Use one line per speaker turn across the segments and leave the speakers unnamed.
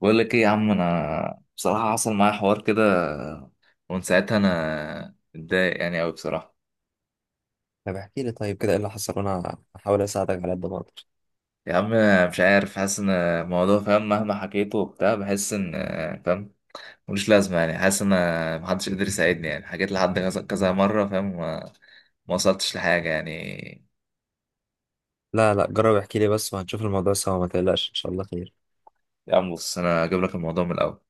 بقول لك ايه يا عم، انا بصراحة حصل معايا حوار كده، ومن ساعتها انا متضايق يعني قوي بصراحة.
طب احكي لي طيب كده ايه اللي حصل وانا هحاول اساعدك على قد ما اقدر.
يا عم مش عارف، حاسس ان الموضوع فاهم مهما حكيته وبتاع، بحس ان فاهم ملوش لازمة، يعني حاسس ان محدش قدر يساعدني. يعني حكيت لحد كذا كذا مرة فاهم، ما وصلتش لحاجة يعني.
لا لا، جرب احكي لي بس وهنشوف الموضوع سوا، ما تقلقش ان شاء الله خير.
يا عم بص انا هجيب لك الموضوع من الاول.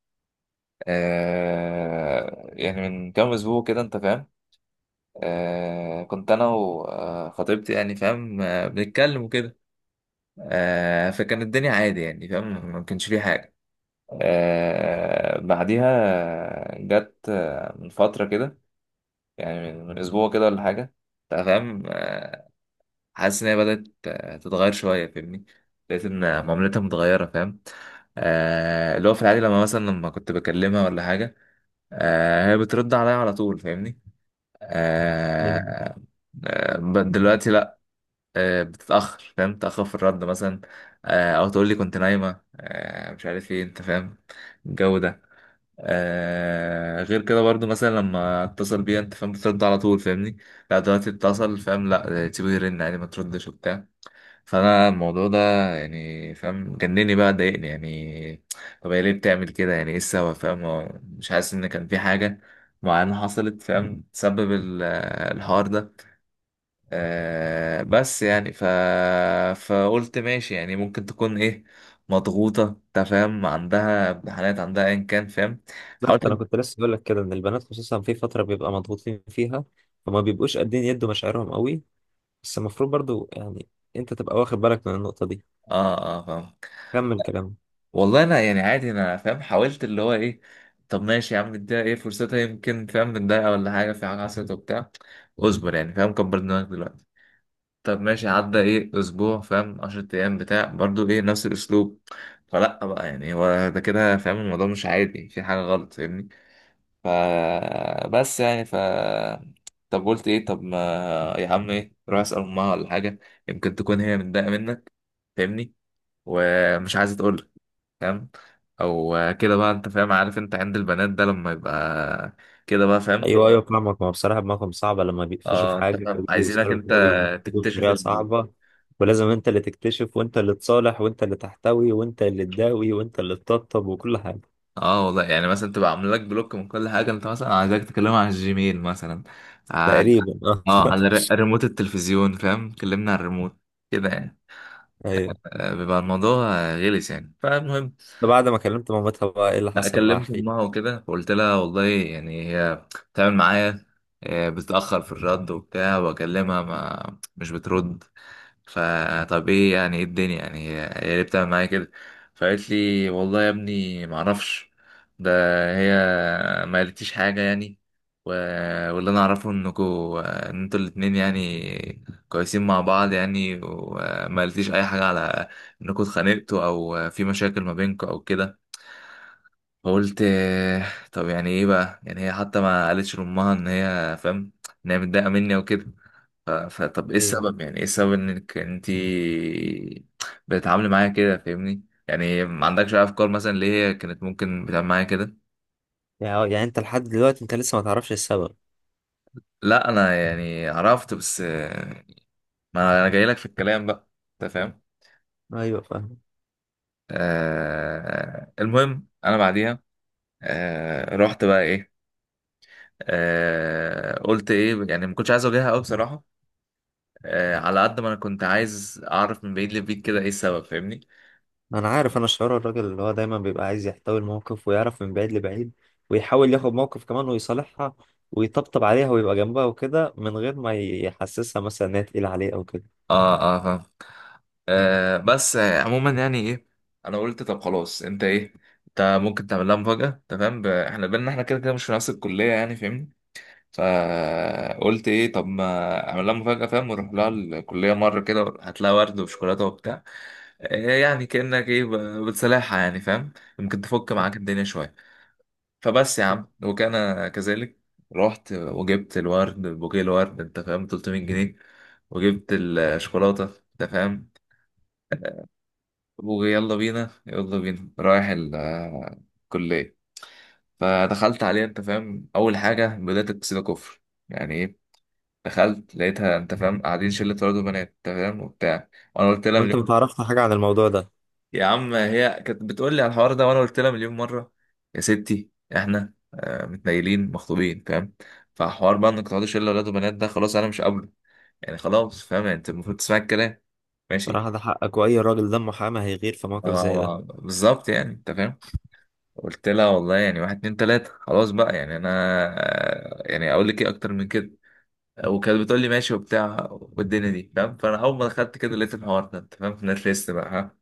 يعني من كام اسبوع كده انت فاهم، كنت انا وخطيبتي يعني فاهم، بنتكلم وكده. فكان الدنيا عادي يعني فاهم، ما كانش فيه حاجة. بعديها جت، من فترة كده، يعني من أسبوع كده ولا حاجة، أنت فاهم. حاسس إن هي بدأت، تتغير شوية فاهمني، لقيت إن معاملتها متغيرة فاهم. اللي هو في العادي لما مثلا لما كنت بكلمها ولا حاجة، هي بترد عليا على طول فاهمني. آه
مم.
آه، دلوقتي لأ، بتتأخر فاهم، تأخر في الرد مثلا، أو تقول لي كنت نايمة، مش عارف ايه انت فاهم الجو ده. غير كده برضو، مثلا لما اتصل بيها انت فاهم بترد على طول فاهمني، لا دلوقتي اتصل فاهم لا، تسيبه يرن يعني ما تردش وبتاع. فأنا الموضوع ده يعني فاهم جنني بقى، ضايقني يعني. طب هي ليه بتعمل كده؟ يعني ايه السبب فاهم؟ هو مش حاسس ان كان في حاجة معينة حصلت فاهم تسبب الحوار ده. بس يعني فقلت ماشي، يعني ممكن تكون ايه مضغوطة انت فاهم، عندها امتحانات، عندها ايا كان فاهم. حاولت
بالظبط، انا
إن-
كنت لسه بقول لك كده ان البنات خصوصا في فتره بيبقى مضغوطين فيها، فما بيبقوش قادرين يدوا مشاعرهم قوي، بس المفروض برضو يعني انت تبقى واخد بالك من النقطه دي.
اه اه فاهم.
كمل كلام.
والله انا يعني عادي انا فاهم حاولت اللي هو ايه، طب ماشي يا عم اديها ايه فرصتها، يمكن فاهم من دقيقة ولا حاجة في حاجة حصلت وبتاع، اصبر يعني فاهم، كبر دماغك دلوقتي. طب ماشي عدى ايه اسبوع فاهم، 10 ايام بتاع، برضو ايه نفس الاسلوب. فلا بقى يعني، هو ده كده فاهم، الموضوع مش عادي، في حاجة غلط فاهمني. ف بس يعني ف طب قلت ايه؟ طب ما يا عم ايه، روح اسال امها ولا حاجه، يمكن تكون هي متضايقه منك فاهمني، ومش عايزه تقول لك فاهم، او كده بقى انت فاهم، عارف انت عند البنات ده لما يبقى كده بقى فاهم.
ايوه ايوه، فاهمك، ما هو بصراحه دماغهم صعبه لما بيقفشوا في
اه انت
حاجه او
فاهم عايزينك
بيوصلوا
انت
كده بينفذوا
تكتشف
بطريقه صعبه. ولازم انت اللي تكتشف وانت اللي تصالح وانت اللي تحتوي وانت اللي تداوي وانت اللي تطبطب وكل حاجه.
اه والله يعني مثلا تبقى عامل لك بلوك من كل حاجه، انت مثلا عايزك تكلمها على الجيميل مثلا، ع-
تقريبا اه.
اه على ريموت التلفزيون فاهم، كلمنا على الريموت كده يعني.
ايوه،
بيبقى الموضوع، غلس يعني، فالمهم
ده بعد ما كلمت مامتها بقى ايه اللي
لا
حصل؟ بقى
كلمت
احكي لي.
امها وكده، فقلت لها والله يعني هي بتعمل معايا، بتتاخر في الرد وبتاع، واكلمها ما مش بترد. فطب ايه يعني؟ ايه الدنيا يعني؟ هي ليه بتعمل معايا كده؟ فقالت لي والله يا ابني ما اعرفش، ده هي ما قالتليش حاجه يعني، و... واللي انا اعرفه انكوا ان انتوا الاتنين يعني كويسين مع بعض يعني، وما قالتليش اي حاجه على انكوا اتخانقتوا او في مشاكل ما بينكوا او كده. فقلت طب يعني ايه بقى؟ يعني هي حتى ما قالتش لامها ان هي فاهم ان هي متضايقه مني وكده. فطب ايه
ايوه،
السبب؟ يعني ايه السبب انك انتي بتتعاملي معايا كده فاهمني؟ يعني ما عندكش اي افكار مثلا ليه هي كانت ممكن بتعمل معايا كده؟
يعني انت لحد دلوقتي انت لسه ما تعرفش السبب؟
لا انا يعني عرفت، بس ما انا جاي لك في الكلام بقى انت فاهم.
ايوه فاهم.
المهم انا بعديها رحت بقى ايه، قلت ايه، يعني ما كنتش عايز اواجهها قوي بصراحه، على قد ما انا كنت عايز اعرف من بعيد لبعيد كده ايه السبب فاهمني.
انا عارف شعور الراجل اللي هو دايما بيبقى عايز يحتوي الموقف ويعرف من بعيد لبعيد، ويحاول ياخد موقف كمان ويصالحها ويطبطب عليها ويبقى جنبها وكده، من غير ما يحسسها مثلا ان هي تقيلة عليه او كده.
اه اه فاهم. بس عموما يعني ايه، انا قلت طب خلاص انت ايه، انت ممكن تعمل لها مفاجأة تمام، احنا بينا احنا كده كده مش في نفس الكلية يعني فاهمني، فقلت ايه طب ما اعمل لها مفاجأة فاهم، واروح لها الكلية مرة كده، هات لها ورد وشوكولاتة وبتاع، يعني كأنك ايه بتصالحها يعني فاهم، ممكن تفك معاك الدنيا شوية. فبس يا عم، وكان كذلك، رحت وجبت الورد، بوكيه الورد انت فاهم 300 جنيه، وجبت الشوكولاته انت فاهم، ويلا بينا يلا بينا رايح الكليه. فدخلت عليها انت فاهم، اول حاجه بدات اكسده كفر، يعني ايه؟ دخلت لقيتها انت فاهم قاعدين شله ولاد وبنات انت فاهم وبتاع، وانا قلت لها،
وانت ما تعرفش حاجة عن الموضوع ده؟
يا عم هي كانت بتقول لي على الحوار ده، وانا قلت لها مليون مره، يا ستي احنا متنيلين مخطوبين فاهم، فحوار بقى انك تقعدي شله ولاد وبنات ده خلاص انا مش قابله، يعني خلاص فاهم، يعني انت المفروض تسمعي الكلام ماشي.
صراحة ده حقك، واي راجل دمه حامي هيغير في موقف زي ده.
بالظبط يعني انت فاهم، قلت لها والله يعني واحد اتنين تلاته خلاص بقى، يعني انا يعني اقول لك ايه اكتر من كده. وكانت بتقول لي ماشي وبتاع والدنيا دي فاهم، فانا اول ما دخلت كده لقيت الحوار ده انت فاهم، في نت ليست بقى ها،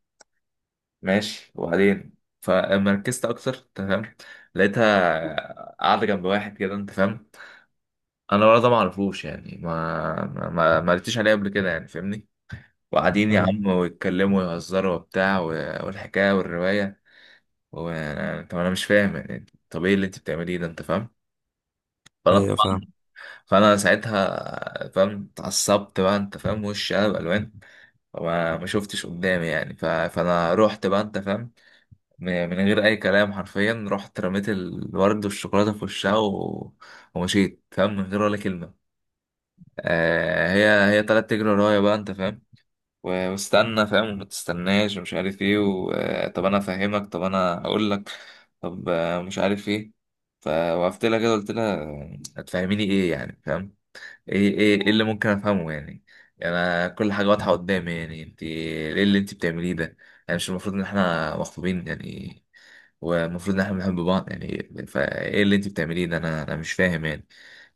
ماشي وبعدين. فلما ركزت اكتر تمام، لقيتها قاعده جنب واحد كده انت فاهم، انا ولا ده ما اعرفوش يعني، ما قلتش عليه قبل كده يعني فاهمني. وقاعدين يا
ايوه
عم، ويتكلموا ويهزروا وبتاع والحكايه والروايه، طب انا مش فاهم يعني، طب ايه اللي انت بتعمليه ده انت فاهم؟ فانا
ايوه
طبعا،
فاهم.
فانا ساعتها فاهم اتعصبت بقى انت فاهم، وشي قلب الوان، وما ما شفتش قدامي يعني، فانا رحت بقى انت فاهم، من غير اي كلام حرفيا، رحت رميت الورد والشوكولاته في وشها ومشيت فاهم من غير ولا كلمه. هي طلعت تجري ورايا بقى انت فاهم، واستنى فاهم وما تستناش ومش عارف ايه طب انا افهمك طب انا اقول لك، طب مش عارف ايه، فوقفت لها كده قلت لها هتفهميني ايه يعني فاهم؟ ايه ايه إيه اللي ممكن افهمه يعني؟ يعني انا كل حاجه واضحه قدامي، يعني انت ايه اللي انت بتعمليه ده؟ يعني مش المفروض ان احنا مخطوبين يعني؟ والمفروض ان احنا بنحب بعض يعني؟ فايه اللي انت بتعمليه ده؟ انا مش فاهم يعني،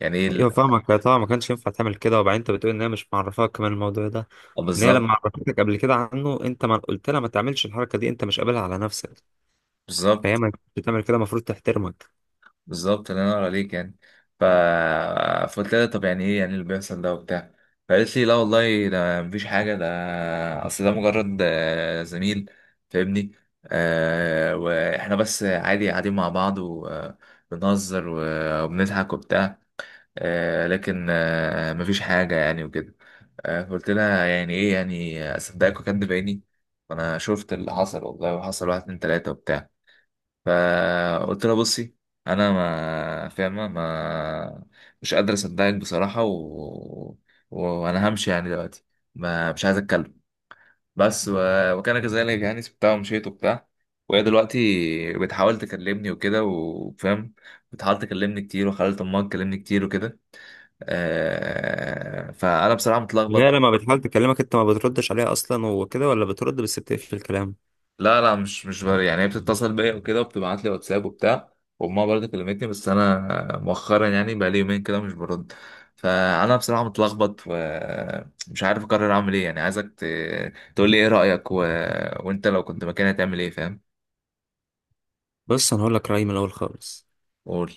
يعني ايه
ايوه فاهمك، طبعا ما كانش ينفع تعمل كده. وبعدين انت بتقول ان هي مش معرفاك كمان الموضوع ده، ان هي لما
بالظبط.
عرفتك قبل كده عنه، انت ما قلت لها ما تعملش الحركه دي، انت مش قابلها على نفسك، فهي
بالظبط.
ما كانتش تعمل كده، المفروض تحترمك.
بالظبط. الله ينور عليك يعني. ف... فقلت لها طب يعني ايه يعني اللي بيحصل ده وبتاع؟ فقالت لي لا والله ده مفيش حاجة، ده أصل ده مجرد زميل فاهمني، وإحنا بس عادي قاعدين مع بعض وبنهزر وبنضحك وبتاع، لكن مفيش حاجة يعني وكده. فقلت لها يعني ايه؟ يعني أصدقك وأكدب عيني؟ فأنا شفت اللي حصل والله، وحصل واحد اتنين تلاتة وبتاع. فقلت لها بصي، انا ما فاهمه، ما مش قادر اصدقك بصراحه وانا همشي يعني دلوقتي، ما مش عايز اتكلم بس، وكان كذلك، يعني سبتها ومشيت وبتاع. وهي دلوقتي بتحاول تكلمني وكده وفاهم، بتحاول تكلمني كتير، وخلت امها تكلمني كتير وكده. فانا بصراحه
هي
متلخبط.
لما بتحاول تكلمك انت ما بتردش عليها اصلا وكده، ولا بترد بس بتقفل الكلام؟
لا لا، مش مش بر- يعني هي بتتصل بيا وكده، وبتبعت لي واتساب وبتاع، وامها برضه كلمتني، بس انا مؤخرا يعني بقى لي يومين كده مش برد. فانا بصراحه متلخبط ومش عارف اقرر اعمل ايه يعني، عايزك تقول لي ايه رايك، وانت لو كنت مكاني هتعمل ايه فاهم؟
بص، انا هقول لك رايي من الاول خالص.
قول.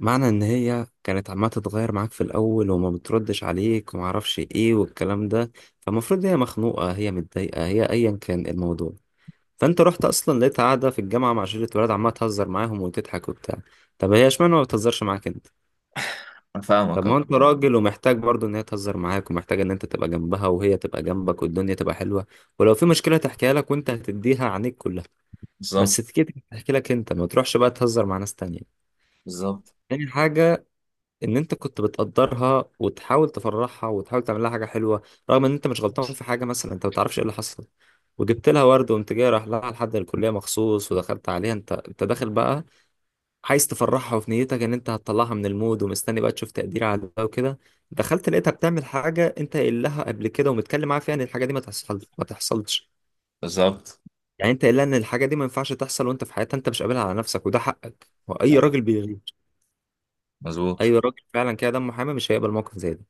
معنى ان هي كانت عماله تتغير معاك في الاول وما بتردش عليك وما اعرفش ايه والكلام ده، فالمفروض هي مخنوقه، هي متضايقه، هي ايا كان الموضوع. فانت رحت، اصلا لقيت قاعده في الجامعه مع شله ولاد عماله تهزر معاهم وتضحك وبتاع. طب هي اشمعنى ما بتهزرش معاك انت؟
انا
طب
فاهمك
ما
اه.
هو انت راجل ومحتاج برضه ان هي تهزر معاك، ومحتاج ان انت تبقى جنبها وهي تبقى جنبك والدنيا تبقى حلوه، ولو في مشكله تحكيها لك وانت هتديها عينيك كلها. بس
بالظبط.
تكيت تحكي لك انت ما تروحش بقى تهزر مع ناس تانية.
بالظبط.
تاني حاجه، ان انت كنت بتقدرها وتحاول تفرحها وتحاول تعمل لها حاجه حلوه، رغم ان انت مش غلطان في حاجه، مثلا انت ما تعرفش ايه اللي حصل. وجبت لها ورد وقمت جاي رايح لها لحد الكليه مخصوص، ودخلت عليها انت داخل بقى عايز تفرحها، وفي نيتك ان انت هتطلعها من المود، ومستني بقى تشوف تقدير عليها وكده. دخلت لقيتها بتعمل حاجه انت قايل لها قبل كده ومتكلم معاها فيها ان الحاجه دي ما تحصلش.
بالظبط.
يعني انت قايل لها ان الحاجه دي ما ينفعش تحصل وانت في حياتها، انت مش قابلها على نفسك، وده حقك واي
آه،
راجل بيغير. اي
مظبوط.
راجل فعلا كده دمه حامي مش هيقبل موقف زي ده.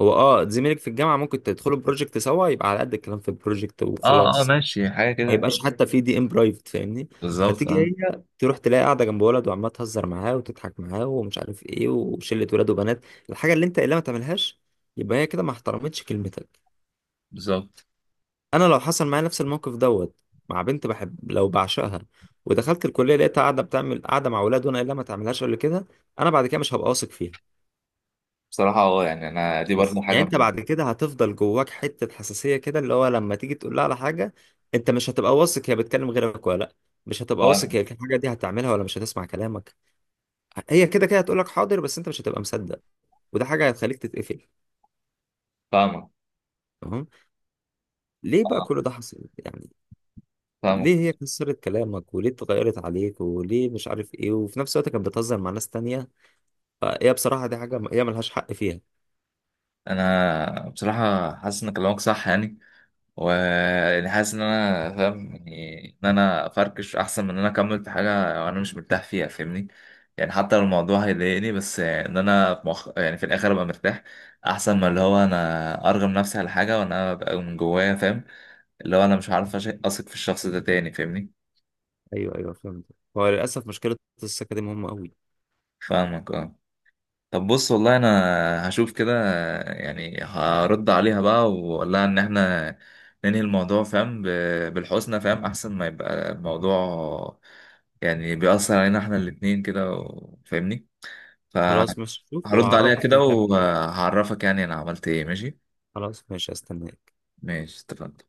هو اه زميلك في الجامعه، ممكن تدخلوا بروجكت سوا يبقى على قد الكلام في البروجكت
اه اه
وخلاص.
ماشي حاجه
ما
كده.
يبقاش ايوه حتى في دي ام برايفت، فاهمني؟
بالظبط
فتيجي
اه.
هي تروح تلاقي قاعده جنب ولد وعماله تهزر معاه وتضحك معاه ومش عارف ايه، وشله ولاد وبنات، الحاجه اللي انت اللي ما تعملهاش، يبقى هي كده ما احترمتش كلمتك.
بالظبط.
انا لو حصل معايا نفس الموقف دوت، مع بنت بحب، لو بعشقها، ودخلت الكليه لقيتها قاعده بتعمل قاعده مع ولاد، وانا اللي ما تعملهاش قبل كده، انا بعد كده مش هبقى واثق فيها.
بصراحه اه، يعني انا دي برضه
بس
حاجه
يعني انت بعد كده هتفضل جواك حتة حساسية كده، اللي هو لما تيجي تقول لها على حاجة انت مش هتبقى واثق هي بتكلم غيرك ولا لا، مش هتبقى واثق
فاهم.
هي الحاجة دي هتعملها ولا مش هتسمع كلامك. هي كده كده هتقول لك حاضر، بس انت مش هتبقى مصدق، وده حاجة هتخليك تتقفل.
فاهمك.
تمام. ليه بقى كل ده حصل يعني؟ ليه
فاهمك.
هي كسرت كلامك، وليه اتغيرت عليك، وليه مش عارف ايه، وفي نفس الوقت كانت بتهزر مع ناس تانية؟ فهي بصراحة دي حاجة هي ملهاش حق فيها.
انا بصراحه حاسس ان كلامك صح يعني، ويعني حاسس ان انا فاهم، يعني ان انا افركش احسن من ان انا اكمل في حاجه انا مش مرتاح فيها فاهمني، يعني حتى لو الموضوع هيضايقني، بس ان انا في يعني في الاخر ابقى مرتاح احسن ما اللي هو انا ارغم نفسي على حاجه وانا ببقى من جوايا فاهم، اللي هو انا مش عارف اثق في الشخص ده تاني فاهمني.
ايوه ايوه فهمت. هو للأسف مشكلة، السكة دي مهمة قوي.
فاهمك اه. طب بص والله انا هشوف كده، يعني هرد عليها بقى واقول لها ان احنا ننهي الموضوع فاهم، بالحسنى فاهم، احسن ما يبقى الموضوع يعني بيأثر علينا احنا الاتنين كده، فاهمني،
خلاص، مش شوف
فهرد عليها
وعرفني
كده
هتعمل ايه.
وهعرفك يعني انا عملت ايه، ماشي.
خلاص ماشي، استناك.
ماشي اتفقنا.